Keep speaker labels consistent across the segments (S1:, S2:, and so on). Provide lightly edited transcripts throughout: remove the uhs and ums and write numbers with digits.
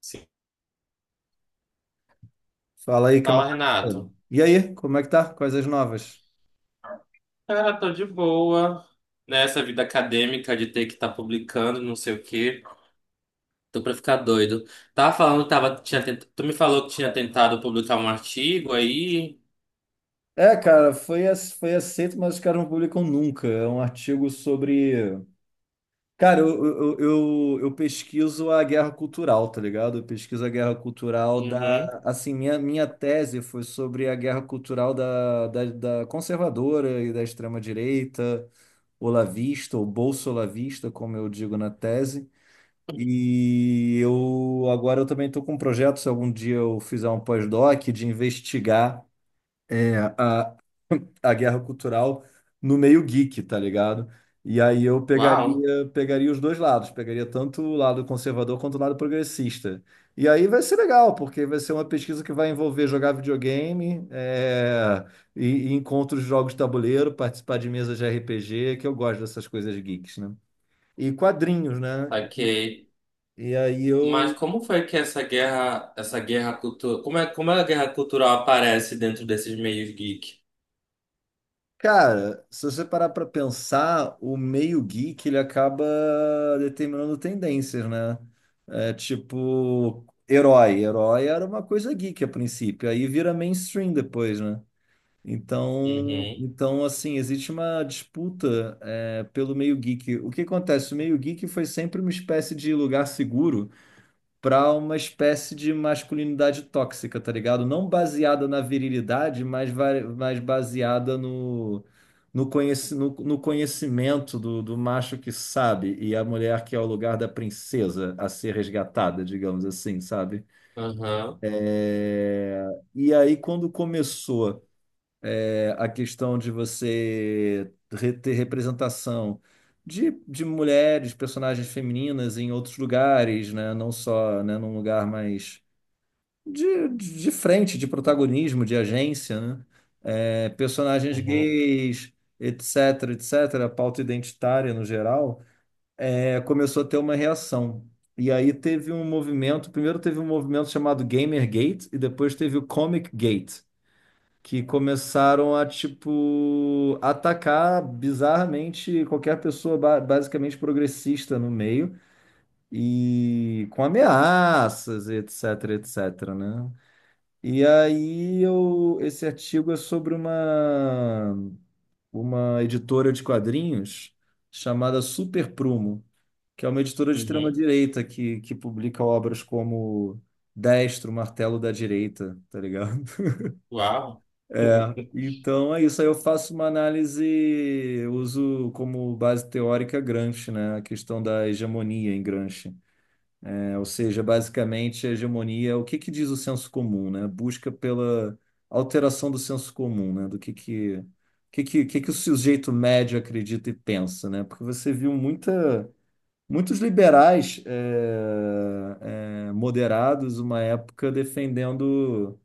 S1: Sim.
S2: Fala aí,
S1: Fala,
S2: camarada.
S1: Renato.
S2: E aí, como é que tá? Coisas novas?
S1: Cara, tô de boa nessa vida acadêmica de ter que estar publicando, não sei o quê. Tô pra ficar doido. Tava falando, que tava, tinha tent... Tu me falou que tinha tentado publicar um artigo aí.
S2: Cara, foi, foi aceito, mas os caras não publicam nunca. É um artigo sobre. Cara, eu pesquiso a guerra cultural, tá ligado? Eu pesquiso a guerra cultural
S1: Uhum.
S2: da. Assim, minha tese foi sobre a guerra cultural da conservadora e da extrema-direita, olavista, ou bolsolavista, como eu digo na tese. E eu agora eu também estou com um projeto, se algum dia eu fizer um pós-doc, de investigar é, a, a guerra cultural no meio geek, tá ligado? E aí eu
S1: Uau,
S2: pegaria os dois lados, pegaria tanto o lado conservador quanto o lado progressista. E aí vai ser legal, porque vai ser uma pesquisa que vai envolver jogar videogame, e encontros de jogos de tabuleiro, participar de mesas de RPG, que eu gosto dessas coisas geeks, né? E quadrinhos, né?
S1: ok.
S2: E aí
S1: Mas
S2: eu.
S1: como foi que essa guerra cultural, como é a guerra cultural aparece dentro desses meios geek?
S2: Cara, se você parar para pensar, o meio geek ele acaba determinando tendências, né? É tipo, herói. Herói era uma coisa geek a princípio, aí vira mainstream depois, né? Então,
S1: Uhum,
S2: então assim, existe uma disputa pelo meio geek. O que acontece? O meio geek foi sempre uma espécie de lugar seguro para uma espécie de masculinidade tóxica, tá ligado? Não baseada na virilidade, mas, mas baseada no, no conhecimento do, do macho que sabe e a mulher que é o lugar da princesa a ser resgatada, digamos assim, sabe?
S1: uhum,
S2: É, E aí, quando começou a questão de você ter representação de mulheres, personagens femininas em outros lugares, né? Não só, né, num lugar mais de frente, de protagonismo, de agência, né? É, personagens
S1: uhum,
S2: gays, etc, etc, a pauta identitária no geral, começou a ter uma reação. E aí teve um movimento, primeiro teve um movimento chamado Gamergate e depois teve o Comic Gate, que começaram a, tipo, atacar bizarramente qualquer pessoa basicamente progressista no meio e com ameaças, etc, etc, né? E aí eu, esse artigo é sobre uma editora de quadrinhos chamada Super Prumo, que é uma editora de
S1: uhum.
S2: extrema-direita que publica obras como Destro, Martelo da Direita, tá ligado?
S1: Uau.
S2: É, então é isso. Aí eu faço uma análise, uso como base teórica Gramsci, né? A questão da hegemonia em Gramsci. Né, ou seja, basicamente, a hegemonia, o que que diz o senso comum, né? Busca pela alteração do senso comum, né? Do que, o que que o sujeito médio acredita e pensa, né? Porque você viu muita, muitos liberais moderados, uma época,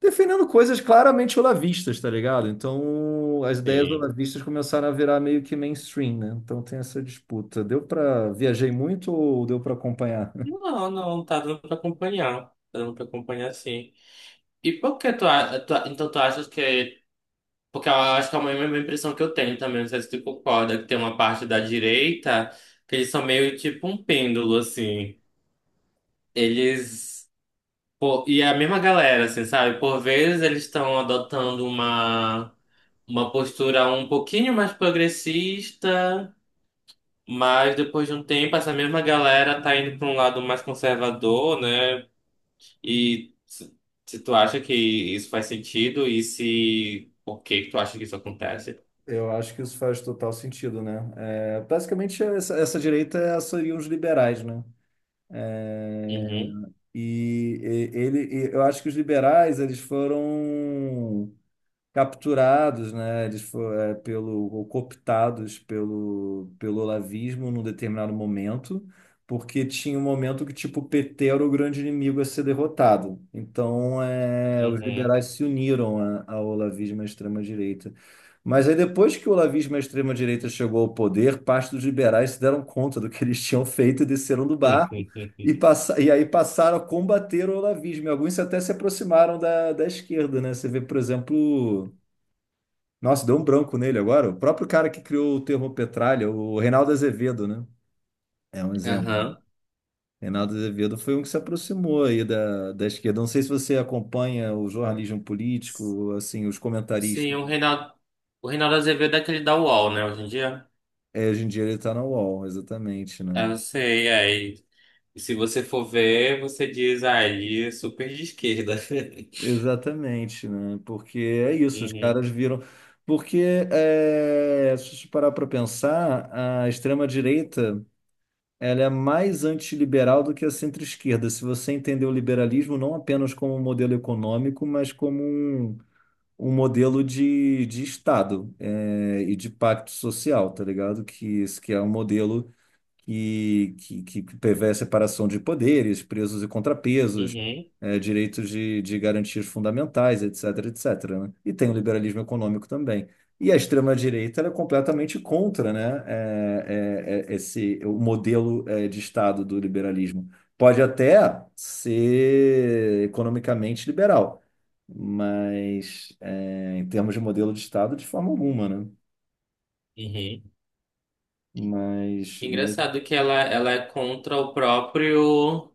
S2: defendendo coisas claramente olavistas, tá ligado? Então, as ideias
S1: Sim.
S2: olavistas começaram a virar meio que mainstream, né? Então tem essa disputa. Deu para viajei muito ou deu para acompanhar?
S1: Não, tá dando pra acompanhar. Tá dando pra acompanhar, sim. E por que tu, a- tu a- então tu achas que. Porque eu acho que é a mesma impressão que eu tenho também, não sei se tu concorda, que tem uma parte da direita que eles são meio tipo um pêndulo, assim. Eles. Pô, e é a mesma galera, assim, sabe? Por vezes eles estão adotando uma postura um pouquinho mais progressista, mas depois de um tempo essa mesma galera tá indo pra um lado mais conservador, né? E se Se tu acha que isso faz sentido e se por que que tu acha que isso acontece?
S2: Eu acho que isso faz total sentido, né? É, basicamente, essa direita seriam os liberais, né? É,
S1: Uhum,
S2: e eu acho que os liberais, eles foram capturados, né? Eles foram, é, pelo, ou cooptados pelo olavismo num determinado momento, porque tinha um momento que, tipo, o PT era o grande inimigo a ser derrotado. Então, é, os
S1: uhum.
S2: liberais se uniram ao olavismo à extrema-direita. Mas aí, depois que o olavismo à extrema-direita chegou ao poder, parte dos liberais se deram conta do que eles tinham feito e desceram do barco e, passa, e aí passaram a combater o olavismo. E alguns até se aproximaram da esquerda, né? Você vê, por exemplo, nossa, deu um branco nele agora. O próprio cara que criou o termo petralha, o Reinaldo Azevedo, né? É um exemplo.
S1: Aham.
S2: Reinaldo Azevedo foi um que se aproximou aí da esquerda. Não sei se você acompanha o jornalismo político, assim, os
S1: Sim,
S2: comentaristas.
S1: o Reinaldo Azevedo é aquele da UOL, né, hoje em dia?
S2: É, hoje em dia ele está na UOL, exatamente, né?
S1: Eu sei, aí. E se você for ver, você diz, ah, ele é super de esquerda.
S2: Exatamente, né? Porque é isso, os
S1: Uhum,
S2: caras viram. Porque, é, se você parar para pensar, a extrema-direita. Ela é mais antiliberal do que a centro-esquerda. Se você entender o liberalismo não apenas como um modelo econômico, mas como um modelo de Estado, é, e de pacto social, tá ligado? Que, isso que é um modelo que, que prevê a separação de poderes, pesos e contrapesos,
S1: uhum,
S2: direitos de garantias fundamentais, etc, etc, né? E tem o liberalismo econômico também. E a extrema-direita ela é completamente contra, né, esse, o modelo de Estado do liberalismo. Pode até ser economicamente liberal, mas em termos de modelo de Estado, de forma alguma, né?
S1: uhum.
S2: Mas.
S1: Ela é contra o próprio.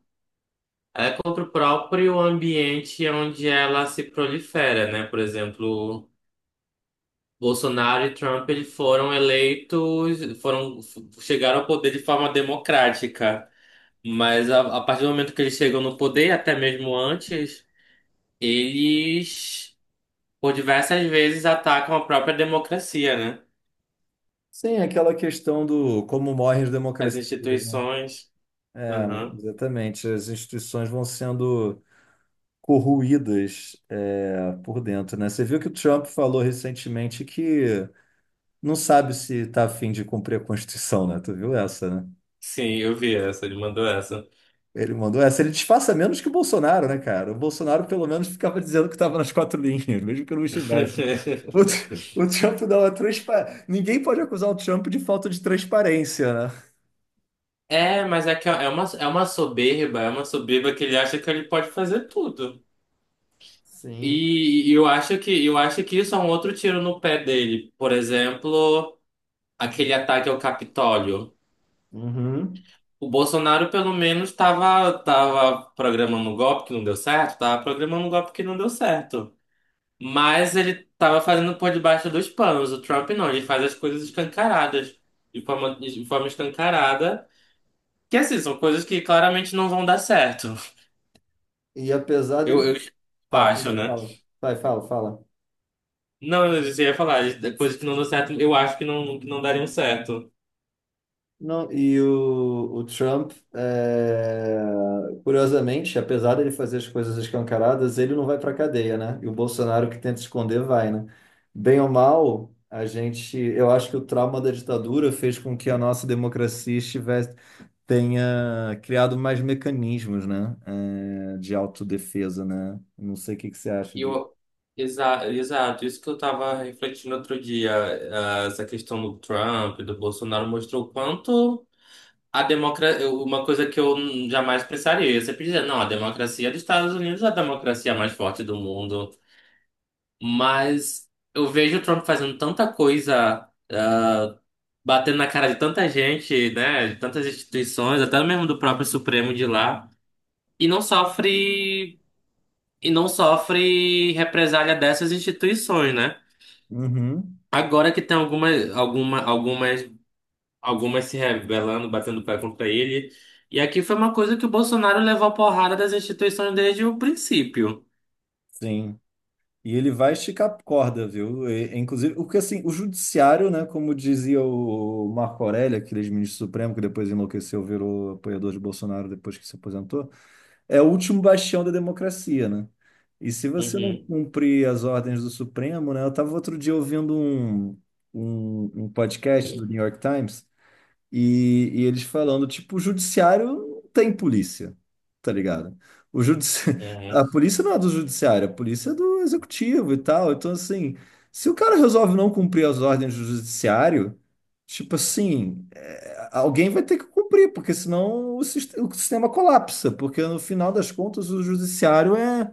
S1: É contra o próprio ambiente onde ela se prolifera, né? Por exemplo, Bolsonaro e Trump eles foram eleitos, foram chegaram ao poder de forma democrática, mas a partir do momento que eles chegam no poder, até mesmo antes, eles por diversas vezes atacam a própria democracia, né?
S2: Sim, aquela questão do como morrem as
S1: As
S2: democracias, né?
S1: instituições.
S2: É,
S1: Aham.
S2: exatamente. As instituições vão sendo corroídas, é, por dentro, né? Você viu que o Trump falou recentemente que não sabe se está a fim de cumprir a Constituição, né? Tu viu essa, né?
S1: Sim, eu vi essa, ele mandou essa.
S2: Ele mandou essa. Ele disfarça menos que o Bolsonaro, né, cara? O Bolsonaro, pelo menos, ficava dizendo que estava nas quatro linhas, mesmo que não estivesse. O, o Trump dá uma transparente. Ninguém pode acusar o Trump de falta de transparência, né?
S1: É, mas é que é é uma soberba que ele acha que ele pode fazer tudo.
S2: Sim.
S1: E, eu acho que isso é um outro tiro no pé dele. Por exemplo, aquele ataque ao Capitólio.
S2: Uhum.
S1: O Bolsonaro, pelo menos, estava tava programando um golpe que não deu certo, Estava programando um golpe que não deu certo. Mas ele estava fazendo por debaixo dos panos. O Trump não, ele faz as coisas escancaradas, de forma escancarada. Que assim, são coisas que claramente não vão dar certo.
S2: E apesar dele.
S1: Eu
S2: Tá,
S1: acho, né?
S2: fala. Vai, fala.
S1: Não, eu já ia falar, de coisas que não deu certo, eu acho que não dariam certo.
S2: Não, e o Trump, é, curiosamente, apesar dele fazer as coisas escancaradas, ele não vai para cadeia, né? E o Bolsonaro que tenta esconder vai, né? Bem ou mal, a gente, eu acho que o trauma da ditadura fez com que a nossa democracia estivesse, tenha criado mais mecanismos, né? É, de autodefesa, né? Não sei o que que você acha
S1: E
S2: disso.
S1: eu, Exato, isso que eu tava refletindo outro dia, ah, essa questão do Trump, e do Bolsonaro, mostrou o quanto a democracia, uma coisa que eu jamais pensaria, eu sempre dizia, não, a democracia dos Estados Unidos é a democracia mais forte do mundo, mas eu vejo o Trump fazendo tanta coisa. Batendo na cara de tanta gente, né, de tantas instituições, até mesmo do próprio Supremo de lá, e não sofre represália dessas instituições, né?
S2: Uhum,
S1: Agora que tem algumas alguma, algumas algumas se rebelando, batendo pé contra ele, e aqui foi uma coisa que o Bolsonaro levou porrada das instituições desde o princípio.
S2: sim. E ele vai esticar a corda, viu? Inclusive, porque assim, o judiciário, né, como dizia o Marco Aurélio, aquele ministro supremo que depois enlouqueceu, virou apoiador de Bolsonaro depois que se aposentou, é o último bastião da democracia, né? E se você não
S1: Uhum.
S2: cumprir as ordens do Supremo, né? Eu estava outro dia ouvindo um, um podcast do New York Times e eles falando, tipo, o judiciário não tem polícia, tá ligado? O judici...
S1: Uhum.
S2: A polícia não é do judiciário, a polícia é do executivo e tal. Então, assim, se o cara resolve não cumprir as ordens do judiciário, tipo assim, é, alguém vai ter que cumprir, porque senão o sistema colapsa, porque no final das contas o judiciário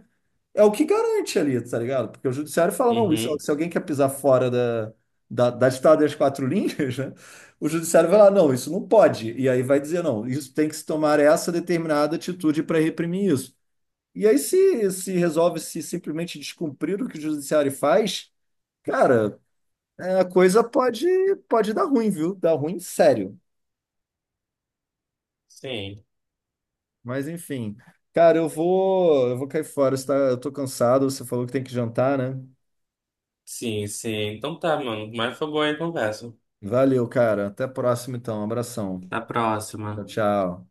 S2: é o que garante ali, tá ligado? Porque o judiciário fala, não, isso,
S1: Uhum.
S2: se alguém quer pisar fora da ditada das quatro linhas, né? O judiciário vai lá, não, isso não pode. E aí vai dizer, não, isso tem que se tomar essa determinada atitude para reprimir isso. E aí se resolve se simplesmente descumprir o que o judiciário faz, cara, é, pode dar ruim, viu? Dar ruim sério.
S1: Sim.
S2: Mas enfim, cara, eu vou cair fora, você eu tô cansado, você falou que tem que jantar, né?
S1: Sim. Então tá, mano. Mas foi boa aí a conversa.
S2: Valeu, cara. Até a próxima, então. Abração.
S1: Até a
S2: Tchau,
S1: próxima.
S2: tchau.